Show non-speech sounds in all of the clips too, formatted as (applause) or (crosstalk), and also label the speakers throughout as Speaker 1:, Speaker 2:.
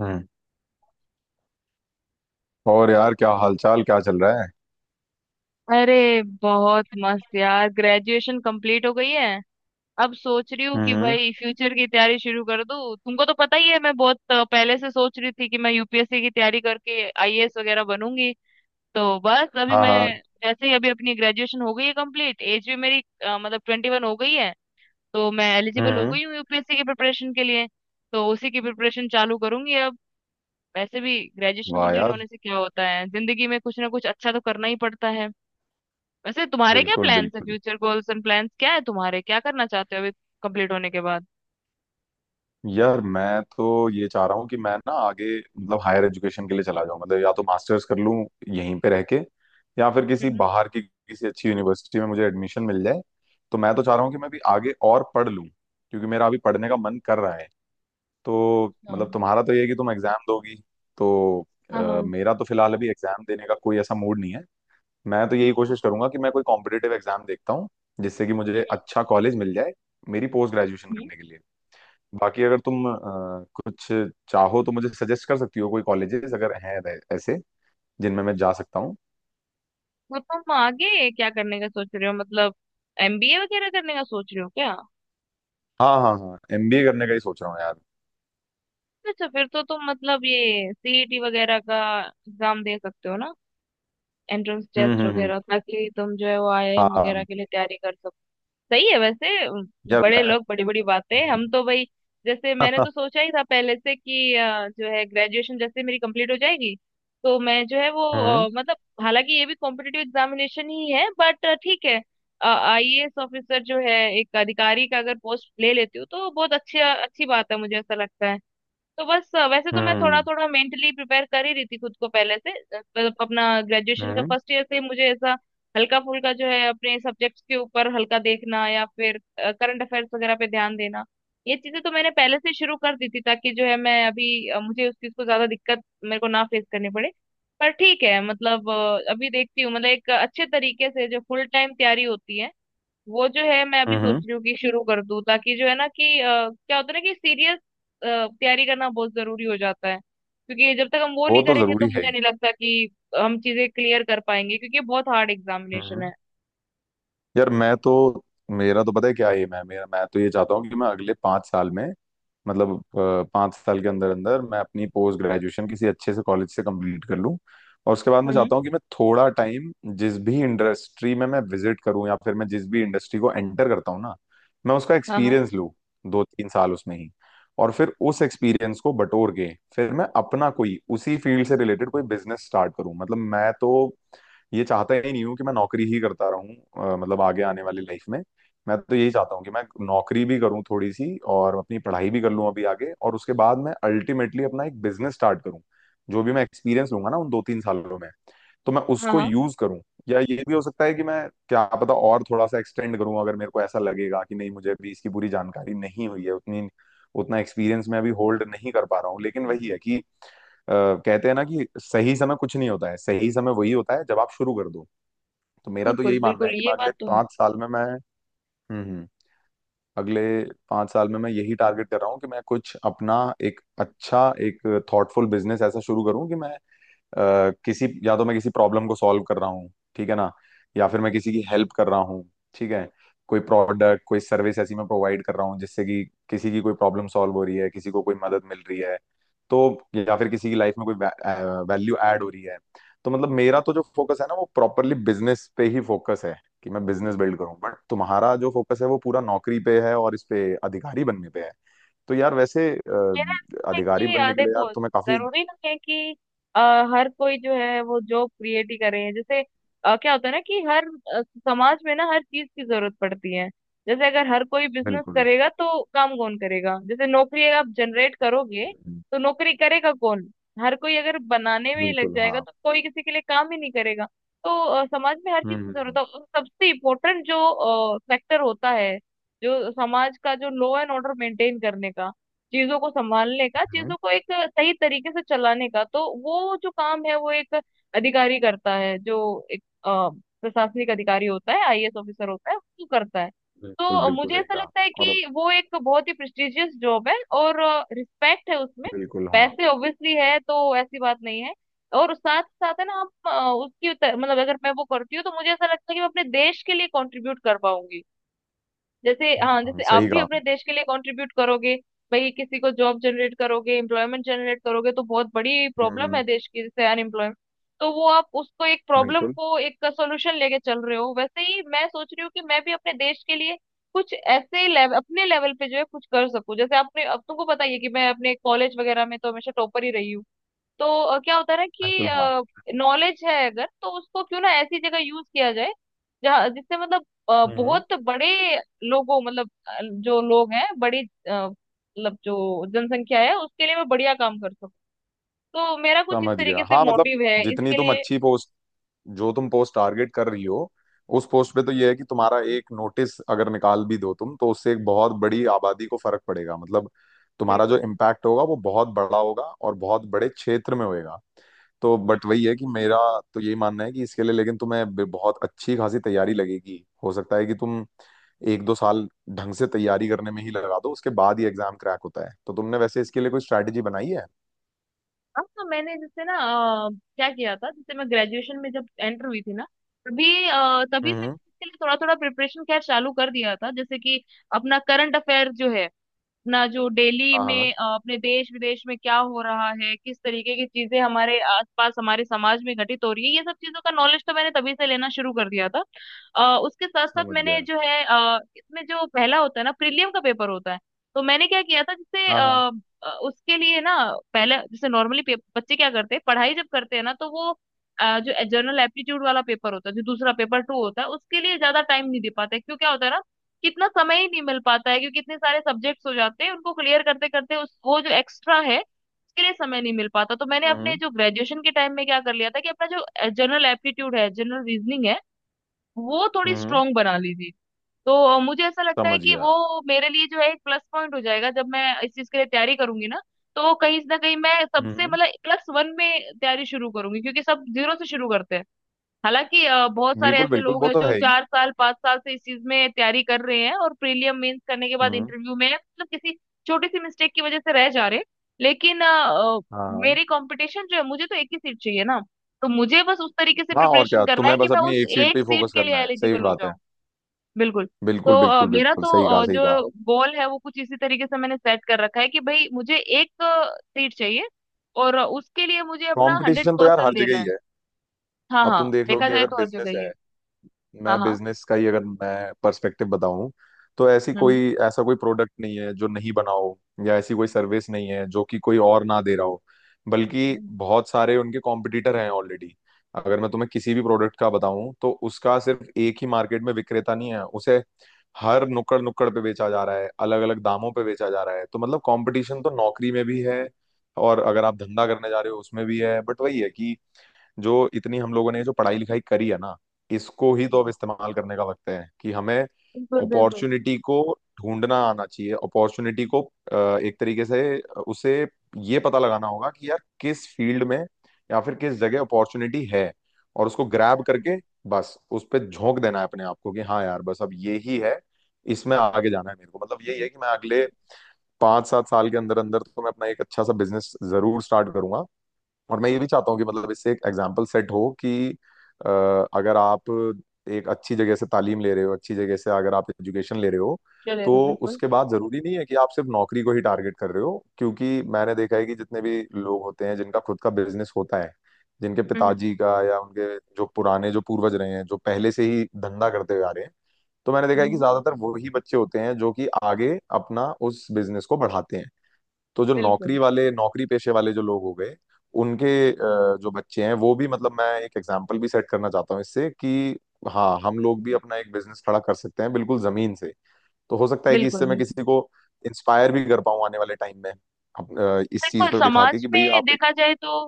Speaker 1: हम्म। और यार, क्या हालचाल, क्या चल रहा है?
Speaker 2: अरे बहुत मस्त यार, ग्रेजुएशन कंप्लीट हो गई है। अब सोच रही हूँ कि
Speaker 1: हम्म।
Speaker 2: भाई फ्यूचर की तैयारी शुरू कर दूँ। तुमको तो पता ही है मैं बहुत पहले से सोच रही थी कि मैं यूपीएससी की तैयारी करके आईएएस वगैरह बनूंगी। तो बस अभी
Speaker 1: हाँ हाँ।
Speaker 2: मैं जैसे ही अभी अपनी ग्रेजुएशन हो गई है कंप्लीट, एज भी मेरी मतलब 21 हो गई है, तो मैं एलिजिबल हो
Speaker 1: हम्म।
Speaker 2: गई हूँ यूपीएससी की प्रिपरेशन के लिए। तो उसी की प्रिपरेशन चालू करूंगी अब। वैसे भी ग्रेजुएशन
Speaker 1: वाह
Speaker 2: कंप्लीट
Speaker 1: यार।
Speaker 2: होने से क्या होता है, जिंदगी में कुछ ना कुछ अच्छा तो करना ही पड़ता है। वैसे तुम्हारे क्या
Speaker 1: बिल्कुल
Speaker 2: प्लान्स है?
Speaker 1: बिल्कुल।
Speaker 2: फ्यूचर गोल्स एंड प्लान्स क्या है तुम्हारे? क्या करना चाहते हो अभी कंप्लीट होने के बाद?
Speaker 1: यार मैं तो ये चाह रहा हूँ कि मैं ना आगे मतलब हायर एजुकेशन के लिए चला जाऊँ, मतलब या तो मास्टर्स कर लूँ यहीं पे रह के, या फिर किसी
Speaker 2: हम्म,
Speaker 1: बाहर की किसी अच्छी यूनिवर्सिटी में मुझे एडमिशन मिल जाए। तो मैं तो चाह रहा हूँ कि मैं भी आगे और पढ़ लूँ, क्योंकि मेरा अभी पढ़ने का मन कर रहा है। तो मतलब
Speaker 2: हाँ,
Speaker 1: तुम्हारा तो ये है कि तुम एग्जाम दोगी। तो
Speaker 2: हाँ, हाँ,
Speaker 1: मेरा तो फिलहाल अभी एग्जाम देने का कोई ऐसा मूड नहीं है। मैं तो यही
Speaker 2: हम्म,
Speaker 1: कोशिश करूंगा कि मैं कोई कॉम्पिटिटिव एग्जाम देखता हूँ, जिससे कि मुझे
Speaker 2: हम्म,
Speaker 1: अच्छा कॉलेज मिल जाए मेरी पोस्ट ग्रेजुएशन
Speaker 2: हम्म।
Speaker 1: करने के लिए। बाकी अगर तुम कुछ चाहो तो मुझे सजेस्ट कर सकती हो कोई कॉलेजेस अगर हैं ऐसे जिनमें मैं जा सकता हूँ।
Speaker 2: तो तुम आगे क्या करने का सोच रहे हो, मतलब एमबीए वगैरह करने का सोच रहे हो क्या?
Speaker 1: हाँ हाँ हाँ, एमबीए करने का ही सोच रहा हूँ यार।
Speaker 2: अच्छा, फिर तो तुम मतलब ये सीईटी वगैरह का एग्जाम दे सकते हो ना, एंट्रेंस टेस्ट
Speaker 1: हम्म।
Speaker 2: वगैरह, ताकि तुम जो है वो
Speaker 1: हाँ
Speaker 2: आईआईएम वगैरह
Speaker 1: हाँ,
Speaker 2: के लिए तैयारी कर। सही है वैसे।
Speaker 1: यार
Speaker 2: बड़े
Speaker 1: मैं।
Speaker 2: लोग बड़ी बड़ी बातें,
Speaker 1: हम्म।
Speaker 2: हम तो भाई जैसे मैंने तो
Speaker 1: (laughs)
Speaker 2: सोचा ही था पहले से कि जो है ग्रेजुएशन जैसे मेरी कंप्लीट हो जाएगी तो मैं जो है वो
Speaker 1: हम्म
Speaker 2: मतलब, हालांकि ये भी कॉम्पिटिटिव एग्जामिनेशन ही है बट ठीक है। आईएएस ऑफिसर जो है, एक अधिकारी का अगर पोस्ट ले लेती हूँ तो बहुत अच्छी अच्छी बात है, मुझे ऐसा लगता है। तो बस वैसे तो मैं थोड़ा
Speaker 1: हम्म
Speaker 2: थोड़ा मेंटली प्रिपेयर कर ही रही थी खुद को पहले से। मतलब अपना ग्रेजुएशन का
Speaker 1: हम्म।
Speaker 2: फर्स्ट ईयर से मुझे ऐसा हल्का फुल्का जो है अपने सब्जेक्ट्स के ऊपर हल्का देखना या फिर करंट अफेयर्स वगैरह पे ध्यान देना, ये चीजें तो मैंने पहले से शुरू कर दी थी, ताकि जो है मैं अभी मुझे उस चीज को ज्यादा दिक्कत मेरे को ना फेस करनी पड़े। पर ठीक है मतलब अभी देखती हूँ, मतलब एक अच्छे तरीके से जो फुल टाइम तैयारी होती है वो जो है मैं अभी सोच
Speaker 1: हम्म।
Speaker 2: रही हूँ कि शुरू कर दूँ, ताकि जो है ना कि क्या होता है ना कि सीरियस तैयारी करना बहुत जरूरी हो जाता है, क्योंकि जब तक हम वो
Speaker 1: वो
Speaker 2: नहीं
Speaker 1: तो
Speaker 2: करेंगे तो
Speaker 1: जरूरी है
Speaker 2: मुझे
Speaker 1: ही।
Speaker 2: नहीं लगता कि हम चीजें क्लियर कर पाएंगे, क्योंकि ये बहुत हार्ड एग्जामिनेशन
Speaker 1: हम्म।
Speaker 2: है।
Speaker 1: यार मैं तो, मेरा तो पता है क्या एम है मेरा। मैं तो ये चाहता हूँ कि मैं अगले 5 साल में, मतलब 5 साल के अंदर अंदर मैं अपनी पोस्ट ग्रेजुएशन किसी अच्छे से कॉलेज से कंप्लीट कर लूँ, और उसके बाद मैं
Speaker 2: हम्म,
Speaker 1: चाहता हूँ कि मैं थोड़ा टाइम जिस भी इंडस्ट्री में मैं विजिट करूँ, या फिर मैं जिस भी इंडस्ट्री को एंटर करता हूँ ना, मैं उसका
Speaker 2: हाँ, हाँ,
Speaker 1: एक्सपीरियंस लूँ, 2-3 साल उसमें ही। और फिर उस एक्सपीरियंस को बटोर के फिर मैं अपना कोई उसी फील्ड से रिलेटेड कोई बिजनेस स्टार्ट करूँ। मतलब मैं तो ये चाहता ही नहीं हूँ कि मैं नौकरी ही करता रहूँ मतलब आगे आने वाली लाइफ में। मैं तो यही चाहता हूँ कि मैं नौकरी भी करूँ थोड़ी सी और अपनी पढ़ाई भी कर लूँ अभी आगे, और उसके बाद मैं अल्टीमेटली अपना एक बिजनेस स्टार्ट करूँ। जो भी मैं एक्सपीरियंस लूंगा ना उन 2-3 सालों में तो मैं
Speaker 2: हाँ,
Speaker 1: उसको
Speaker 2: हाँ,
Speaker 1: यूज करूँ। या ये भी हो सकता है कि मैं, क्या पता, और थोड़ा सा एक्सटेंड करूँ, अगर मेरे को ऐसा लगेगा कि नहीं मुझे अभी इसकी पूरी जानकारी नहीं हुई है उतनी, उतना एक्सपीरियंस मैं अभी होल्ड नहीं कर पा रहा हूँ। लेकिन वही है कि कहते हैं ना कि सही समय कुछ नहीं होता है, सही समय वही होता है जब आप शुरू कर दो। तो मेरा तो
Speaker 2: बिल्कुल
Speaker 1: यही मानना है
Speaker 2: बिल्कुल,
Speaker 1: कि
Speaker 2: ये
Speaker 1: मैं अगले
Speaker 2: बात तो है।
Speaker 1: पांच साल में मैं। हम्म। अगले 5 साल में मैं यही टारगेट कर रहा हूँ कि मैं कुछ अपना एक अच्छा एक थॉटफुल बिजनेस ऐसा शुरू करूँ कि मैं किसी, या तो मैं किसी प्रॉब्लम को सॉल्व कर रहा हूँ, ठीक है ना, या फिर मैं किसी की हेल्प कर रहा हूँ, ठीक है, कोई प्रोडक्ट कोई सर्विस ऐसी मैं प्रोवाइड कर रहा हूँ जिससे कि किसी की कोई प्रॉब्लम सॉल्व हो रही है, किसी को कोई मदद मिल रही है, तो या फिर किसी की लाइफ में कोई वैल्यू ऐड हो रही है। तो मतलब मेरा तो जो फोकस है ना वो प्रॉपरली बिजनेस पे ही फोकस है, कि मैं बिजनेस बिल्ड करूं, बट तुम्हारा जो फोकस है वो पूरा नौकरी पे है और इस पे अधिकारी बनने पे है। तो यार वैसे
Speaker 2: मेरा ऐसा है
Speaker 1: अधिकारी
Speaker 2: कि
Speaker 1: बनने के लिए यार
Speaker 2: देखो,
Speaker 1: तुम्हें काफी।
Speaker 2: जरूरी नहीं है कि अ, हर कोई जो है वो जॉब क्रिएट ही करे। जैसे क्या होता है ना कि हर अ, समाज में ना हर चीज की जरूरत पड़ती है। जैसे अगर हर कोई बिजनेस
Speaker 1: बिल्कुल
Speaker 2: करेगा तो काम कौन करेगा? जैसे नौकरी अगर आप जनरेट करोगे तो नौकरी करेगा कौन? हर कोई अगर बनाने में ही लग
Speaker 1: बिल्कुल
Speaker 2: जाएगा
Speaker 1: हाँ।
Speaker 2: तो कोई किसी के लिए काम ही नहीं करेगा। तो समाज में हर चीज की जरूरत
Speaker 1: हम्म।
Speaker 2: है, और सबसे इम्पोर्टेंट जो सेक्टर होता है, जो समाज का जो लॉ एंड ऑर्डर मेंटेन करने का, चीजों को संभालने का,
Speaker 1: हम्म।
Speaker 2: चीजों को एक सही तरीके से चलाने का, तो वो जो काम है वो एक अधिकारी करता है, जो एक प्रशासनिक अधिकारी होता है, आईएएस ऑफिसर होता है, वो करता है।
Speaker 1: बिल्कुल
Speaker 2: तो
Speaker 1: बिल्कुल
Speaker 2: मुझे
Speaker 1: सही
Speaker 2: ऐसा
Speaker 1: कहा।
Speaker 2: लगता है
Speaker 1: और
Speaker 2: कि वो एक बहुत ही प्रेस्टिजियस जॉब है, और रिस्पेक्ट है उसमें,
Speaker 1: बिल्कुल हाँ।
Speaker 2: पैसे ऑब्वियसली है तो ऐसी बात नहीं है। और साथ साथ है ना, आप उसकी मतलब अगर मैं वो करती हूँ तो मुझे ऐसा लगता है कि मैं अपने देश के लिए कंट्रीब्यूट कर पाऊंगी। जैसे हाँ,
Speaker 1: हाँ
Speaker 2: जैसे आप
Speaker 1: सही
Speaker 2: भी
Speaker 1: कहा
Speaker 2: अपने
Speaker 1: आपने।
Speaker 2: देश के लिए कंट्रीब्यूट करोगे भाई, किसी को जॉब जनरेट करोगे, एम्प्लॉयमेंट जनरेट करोगे, तो बहुत बड़ी प्रॉब्लम है
Speaker 1: हम्म।
Speaker 2: देश की जैसे अनएम्प्लॉयमेंट। तो वो आप उसको एक प्रॉब्लम
Speaker 1: बिल्कुल
Speaker 2: को एक सॉल्यूशन लेके चल रहे हो, वैसे ही मैं सोच रही हूँ कि मैं भी अपने देश के लिए कुछ ऐसे अपने लेवल पे जो है कुछ कर सकूं। जैसे आपने, अब तुमको पता ही है कि मैं अपने कॉलेज वगैरह में तो हमेशा टॉपर ही रही हूँ। तो क्या होता है ना
Speaker 1: बिल्कुल हाँ।
Speaker 2: कि नॉलेज है अगर, तो उसको क्यों ना ऐसी जगह यूज किया जाए जहाँ, जिससे मतलब
Speaker 1: हम्म।
Speaker 2: बहुत बड़े लोगों, मतलब जो लोग हैं बड़ी मतलब जो जनसंख्या है, उसके लिए मैं बढ़िया काम कर सकूँ। तो मेरा कुछ इस
Speaker 1: समझ गया,
Speaker 2: तरीके से
Speaker 1: हाँ मतलब
Speaker 2: मोटिव है
Speaker 1: जितनी
Speaker 2: इसके
Speaker 1: तुम
Speaker 2: लिए।
Speaker 1: अच्छी पोस्ट, जो तुम पोस्ट टारगेट कर रही हो, उस पोस्ट पे तो ये है कि तुम्हारा एक नोटिस अगर निकाल भी दो तुम, तो उससे एक बहुत बड़ी आबादी को फर्क पड़ेगा, मतलब तुम्हारा जो
Speaker 2: बिल्कुल,
Speaker 1: इम्पैक्ट होगा वो बहुत बड़ा होगा और बहुत बड़े क्षेत्र में होएगा। तो बट
Speaker 2: हम्म।
Speaker 1: वही है कि मेरा तो यही मानना है कि इसके लिए, लेकिन तुम्हें बहुत अच्छी खासी तैयारी लगेगी। हो सकता है कि तुम 1-2 साल ढंग से तैयारी करने में ही लगा दो, उसके बाद ही एग्जाम क्रैक होता है। तो तुमने वैसे इसके लिए कोई स्ट्रैटेजी बनाई है?
Speaker 2: हाँ, तो मैंने जैसे ना अ, क्या किया था, जैसे मैं ग्रेजुएशन में जब एंटर हुई थी ना, तभी तभी से
Speaker 1: हम्म।
Speaker 2: मैंने इसके लिए थोड़ा थोड़ा प्रिपरेशन खैर चालू कर दिया था। जैसे कि अपना करंट अफेयर जो है, अपना जो डेली
Speaker 1: हाँ हाँ।
Speaker 2: में अपने देश विदेश में क्या हो रहा है, किस तरीके की चीजें हमारे आसपास हमारे समाज में घटित हो रही है, ये सब चीजों का नॉलेज तो मैंने तभी से लेना शुरू कर दिया था। उसके साथ साथ
Speaker 1: समझ
Speaker 2: मैंने
Speaker 1: गया।
Speaker 2: जो है इसमें जो पहला होता है ना प्रीलियम का पेपर होता है, तो मैंने क्या किया था, जैसे
Speaker 1: हाँ हाँ।
Speaker 2: उसके लिए ना, पहले जैसे नॉर्मली बच्चे क्या करते हैं पढ़ाई जब करते हैं ना तो वो जो जनरल एप्टीट्यूड वाला पेपर होता है, जो दूसरा पेपर टू होता है, उसके लिए ज्यादा टाइम नहीं दे पाते। क्यों? क्या होता है ना, कितना समय ही नहीं मिल पाता है, क्योंकि इतने सारे सब्जेक्ट्स हो जाते हैं, उनको क्लियर करते करते उस वो जो एक्स्ट्रा है उसके लिए समय नहीं मिल पाता। तो मैंने अपने
Speaker 1: हम्म
Speaker 2: जो ग्रेजुएशन के टाइम में क्या कर लिया था कि अपना जो जनरल एप्टीट्यूड है, जनरल रीजनिंग है, वो थोड़ी
Speaker 1: हम्म।
Speaker 2: स्ट्रांग बना ली थी। तो मुझे ऐसा लगता है
Speaker 1: समझ
Speaker 2: कि
Speaker 1: गया।
Speaker 2: वो मेरे लिए जो है एक प्लस पॉइंट हो जाएगा जब मैं इस चीज के लिए तैयारी करूंगी ना। तो कहीं ना कहीं मैं सबसे,
Speaker 1: हम्म।
Speaker 2: मतलब प्लस वन में तैयारी शुरू करूंगी, क्योंकि सब जीरो से शुरू करते हैं। हालांकि बहुत सारे
Speaker 1: बिल्कुल
Speaker 2: ऐसे
Speaker 1: बिल्कुल,
Speaker 2: लोग
Speaker 1: वो
Speaker 2: हैं
Speaker 1: तो
Speaker 2: जो
Speaker 1: है ही।
Speaker 2: 4 साल 5 साल से इस चीज में तैयारी कर रहे हैं और प्रीलियम मेंस करने के बाद
Speaker 1: हम्म।
Speaker 2: इंटरव्यू में मतलब किसी छोटी सी मिस्टेक की वजह से रह जा रहे हैं। लेकिन
Speaker 1: हाँ हाँ
Speaker 2: मेरी कंपटीशन जो है, मुझे तो एक ही सीट चाहिए ना, तो मुझे बस उस तरीके से
Speaker 1: हाँ, और
Speaker 2: प्रिपरेशन
Speaker 1: क्या
Speaker 2: करना है
Speaker 1: तुम्हें
Speaker 2: कि
Speaker 1: बस
Speaker 2: मैं
Speaker 1: अपनी
Speaker 2: उस
Speaker 1: एक सीट पे
Speaker 2: एक
Speaker 1: ही
Speaker 2: सीट
Speaker 1: फोकस
Speaker 2: के लिए
Speaker 1: करना है, सही
Speaker 2: एलिजिबल हो
Speaker 1: बात है।
Speaker 2: जाऊं। बिल्कुल। तो
Speaker 1: बिल्कुल बिल्कुल
Speaker 2: मेरा
Speaker 1: बिल्कुल
Speaker 2: तो
Speaker 1: सही कहा, सही कहा।
Speaker 2: जो गोल है वो कुछ इसी तरीके से मैंने सेट कर रखा है कि भाई मुझे एक सीट चाहिए, और उसके लिए मुझे अपना हंड्रेड
Speaker 1: कंपटीशन तो यार
Speaker 2: परसेंट
Speaker 1: हर
Speaker 2: देना
Speaker 1: जगह ही
Speaker 2: है।
Speaker 1: है।
Speaker 2: हाँ,
Speaker 1: अब
Speaker 2: हाँ,
Speaker 1: तुम देख लो
Speaker 2: देखा
Speaker 1: कि
Speaker 2: जाए
Speaker 1: अगर
Speaker 2: तो हर जगह
Speaker 1: बिजनेस
Speaker 2: ही है।
Speaker 1: है,
Speaker 2: हाँ,
Speaker 1: मैं
Speaker 2: हाँ,
Speaker 1: बिजनेस का ही अगर मैं पर्सपेक्टिव बताऊं, तो ऐसी
Speaker 2: हम्म,
Speaker 1: कोई, ऐसा कोई प्रोडक्ट नहीं है जो नहीं बना हो, या ऐसी कोई सर्विस नहीं है जो कि कोई और ना दे रहा हो, बल्कि
Speaker 2: हम्म,
Speaker 1: बहुत सारे उनके कॉम्पिटिटर हैं ऑलरेडी। अगर मैं तुम्हें किसी भी प्रोडक्ट का बताऊं तो उसका सिर्फ एक ही मार्केट में विक्रेता नहीं है उसे, हर नुक्कड़ नुक्कड़ पे बेचा जा रहा है, अलग अलग दामों पे बेचा जा रहा है। तो मतलब कंपटीशन तो नौकरी में भी है, और अगर आप धंधा करने जा रहे हो उसमें भी है। बट वही है कि जो इतनी हम लोगों ने जो पढ़ाई लिखाई करी है ना, इसको ही तो अब इस्तेमाल करने का वक्त है, कि हमें
Speaker 2: बिल्कुल बिल्कुल,
Speaker 1: अपॉर्चुनिटी को ढूंढना आना चाहिए। अपॉर्चुनिटी को एक तरीके से उसे ये पता लगाना होगा कि यार किस फील्ड में या फिर किस जगह अपॉर्चुनिटी है, और उसको ग्रैब करके बस उस पर झोंक देना है अपने आप को कि हाँ यार बस अब ये ही है, इसमें आगे जाना है मेरे को। मतलब यही है कि मैं अगले 5-7 साल के अंदर अंदर तो मैं अपना एक अच्छा सा बिजनेस जरूर स्टार्ट करूंगा। और मैं ये भी चाहता हूँ कि मतलब इससे एक एग्जाम्पल सेट हो कि अ, अगर आप एक अच्छी जगह से तालीम ले रहे हो, अच्छी जगह से अगर आप एजुकेशन ले रहे हो, तो
Speaker 2: चलेगा, बिल्कुल,
Speaker 1: उसके बाद जरूरी नहीं है कि आप सिर्फ नौकरी को ही टारगेट कर रहे हो। क्योंकि मैंने देखा है कि जितने भी लोग होते हैं जिनका खुद का बिजनेस होता है, जिनके
Speaker 2: हम्म,
Speaker 1: पिताजी का या उनके जो पुराने, जो पूर्वज रहे हैं, जो पहले से ही धंधा करते हुए आ रहे हैं, तो मैंने देखा है कि
Speaker 2: हम्म,
Speaker 1: ज्यादातर वही बच्चे होते हैं जो कि आगे अपना उस बिजनेस को बढ़ाते हैं। तो जो नौकरी
Speaker 2: बिल्कुल
Speaker 1: वाले, नौकरी पेशे वाले जो लोग हो गए, उनके जो बच्चे हैं वो भी, मतलब मैं एक एग्जाम्पल भी सेट करना चाहता हूँ इससे कि हाँ हम लोग भी अपना एक बिजनेस खड़ा कर सकते हैं, बिल्कुल जमीन से। तो हो सकता है कि
Speaker 2: बिल्कुल
Speaker 1: इससे मैं
Speaker 2: बिल्कुल,
Speaker 1: किसी को इंस्पायर भी कर पाऊँ आने वाले टाइम में, इस चीज
Speaker 2: बिल्कुल
Speaker 1: को दिखा के
Speaker 2: समाज
Speaker 1: कि भाई
Speaker 2: में
Speaker 1: आप एक।
Speaker 2: देखा जाए तो,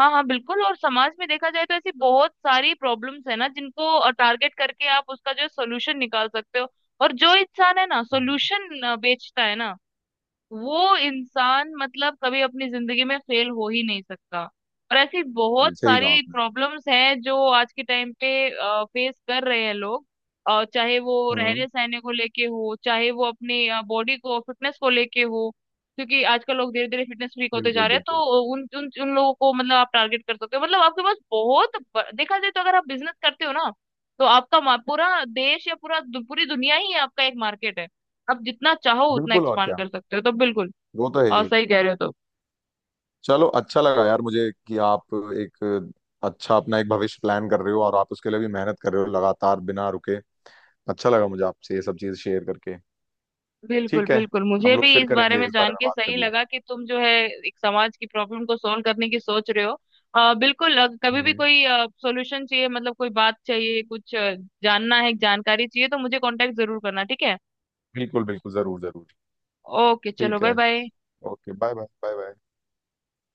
Speaker 2: हाँ, हाँ, बिल्कुल, और समाज में देखा जाए तो ऐसी बहुत सारी प्रॉब्लम्स है ना जिनको टारगेट करके आप उसका जो सोल्यूशन निकाल सकते हो। और जो इंसान है ना सोल्यूशन बेचता है ना, वो इंसान मतलब कभी अपनी जिंदगी में फेल हो ही नहीं सकता। और ऐसी बहुत
Speaker 1: सही कहा
Speaker 2: सारी
Speaker 1: आपने।
Speaker 2: प्रॉब्लम्स हैं जो आज के टाइम पे फेस कर रहे हैं लोग, चाहे वो
Speaker 1: हम्म।
Speaker 2: रहने सहने को लेके हो, चाहे वो अपनी बॉडी को फिटनेस को लेके हो, क्योंकि आजकल लोग धीरे धीरे फिटनेस फ्रीक होते जा
Speaker 1: बिल्कुल
Speaker 2: रहे हैं,
Speaker 1: बिल्कुल
Speaker 2: तो उन उन उन लोगों को मतलब आप टारगेट कर सकते हो। मतलब आपके पास बहुत देखा जाए तो, अगर आप बिजनेस करते हो ना तो आपका पूरा देश, या पूरा पूरी दुनिया ही आपका एक मार्केट है। आप जितना चाहो उतना
Speaker 1: बिल्कुल। और
Speaker 2: एक्सपांड
Speaker 1: क्या,
Speaker 2: कर सकते हो, तो बिल्कुल
Speaker 1: वो तो है
Speaker 2: और
Speaker 1: ही।
Speaker 2: सही कह रहे हो। तो
Speaker 1: चलो अच्छा लगा यार मुझे कि आप एक अच्छा अपना एक भविष्य प्लान कर रहे हो, और आप उसके लिए भी मेहनत कर रहे हो लगातार बिना रुके। अच्छा लगा मुझे आपसे ये सब चीज़ शेयर करके।
Speaker 2: बिल्कुल
Speaker 1: ठीक है,
Speaker 2: बिल्कुल, मुझे
Speaker 1: हम
Speaker 2: भी
Speaker 1: लोग फिर
Speaker 2: इस बारे
Speaker 1: करेंगे
Speaker 2: में
Speaker 1: इस बारे
Speaker 2: जान
Speaker 1: में
Speaker 2: के
Speaker 1: बात
Speaker 2: सही
Speaker 1: कभी।
Speaker 2: लगा कि तुम जो है एक समाज की प्रॉब्लम को सॉल्व करने की सोच रहे हो। बिल्कुल, कभी भी
Speaker 1: हम्म।
Speaker 2: कोई सॉल्यूशन चाहिए, मतलब कोई बात चाहिए, कुछ जानना है, जानकारी चाहिए, तो मुझे कांटेक्ट जरूर करना, ठीक है?
Speaker 1: बिल्कुल बिल्कुल, जरूर जरूर।
Speaker 2: ओके, चलो,
Speaker 1: ठीक
Speaker 2: बाय
Speaker 1: है।
Speaker 2: Bye.
Speaker 1: Okay bye bye bye bye.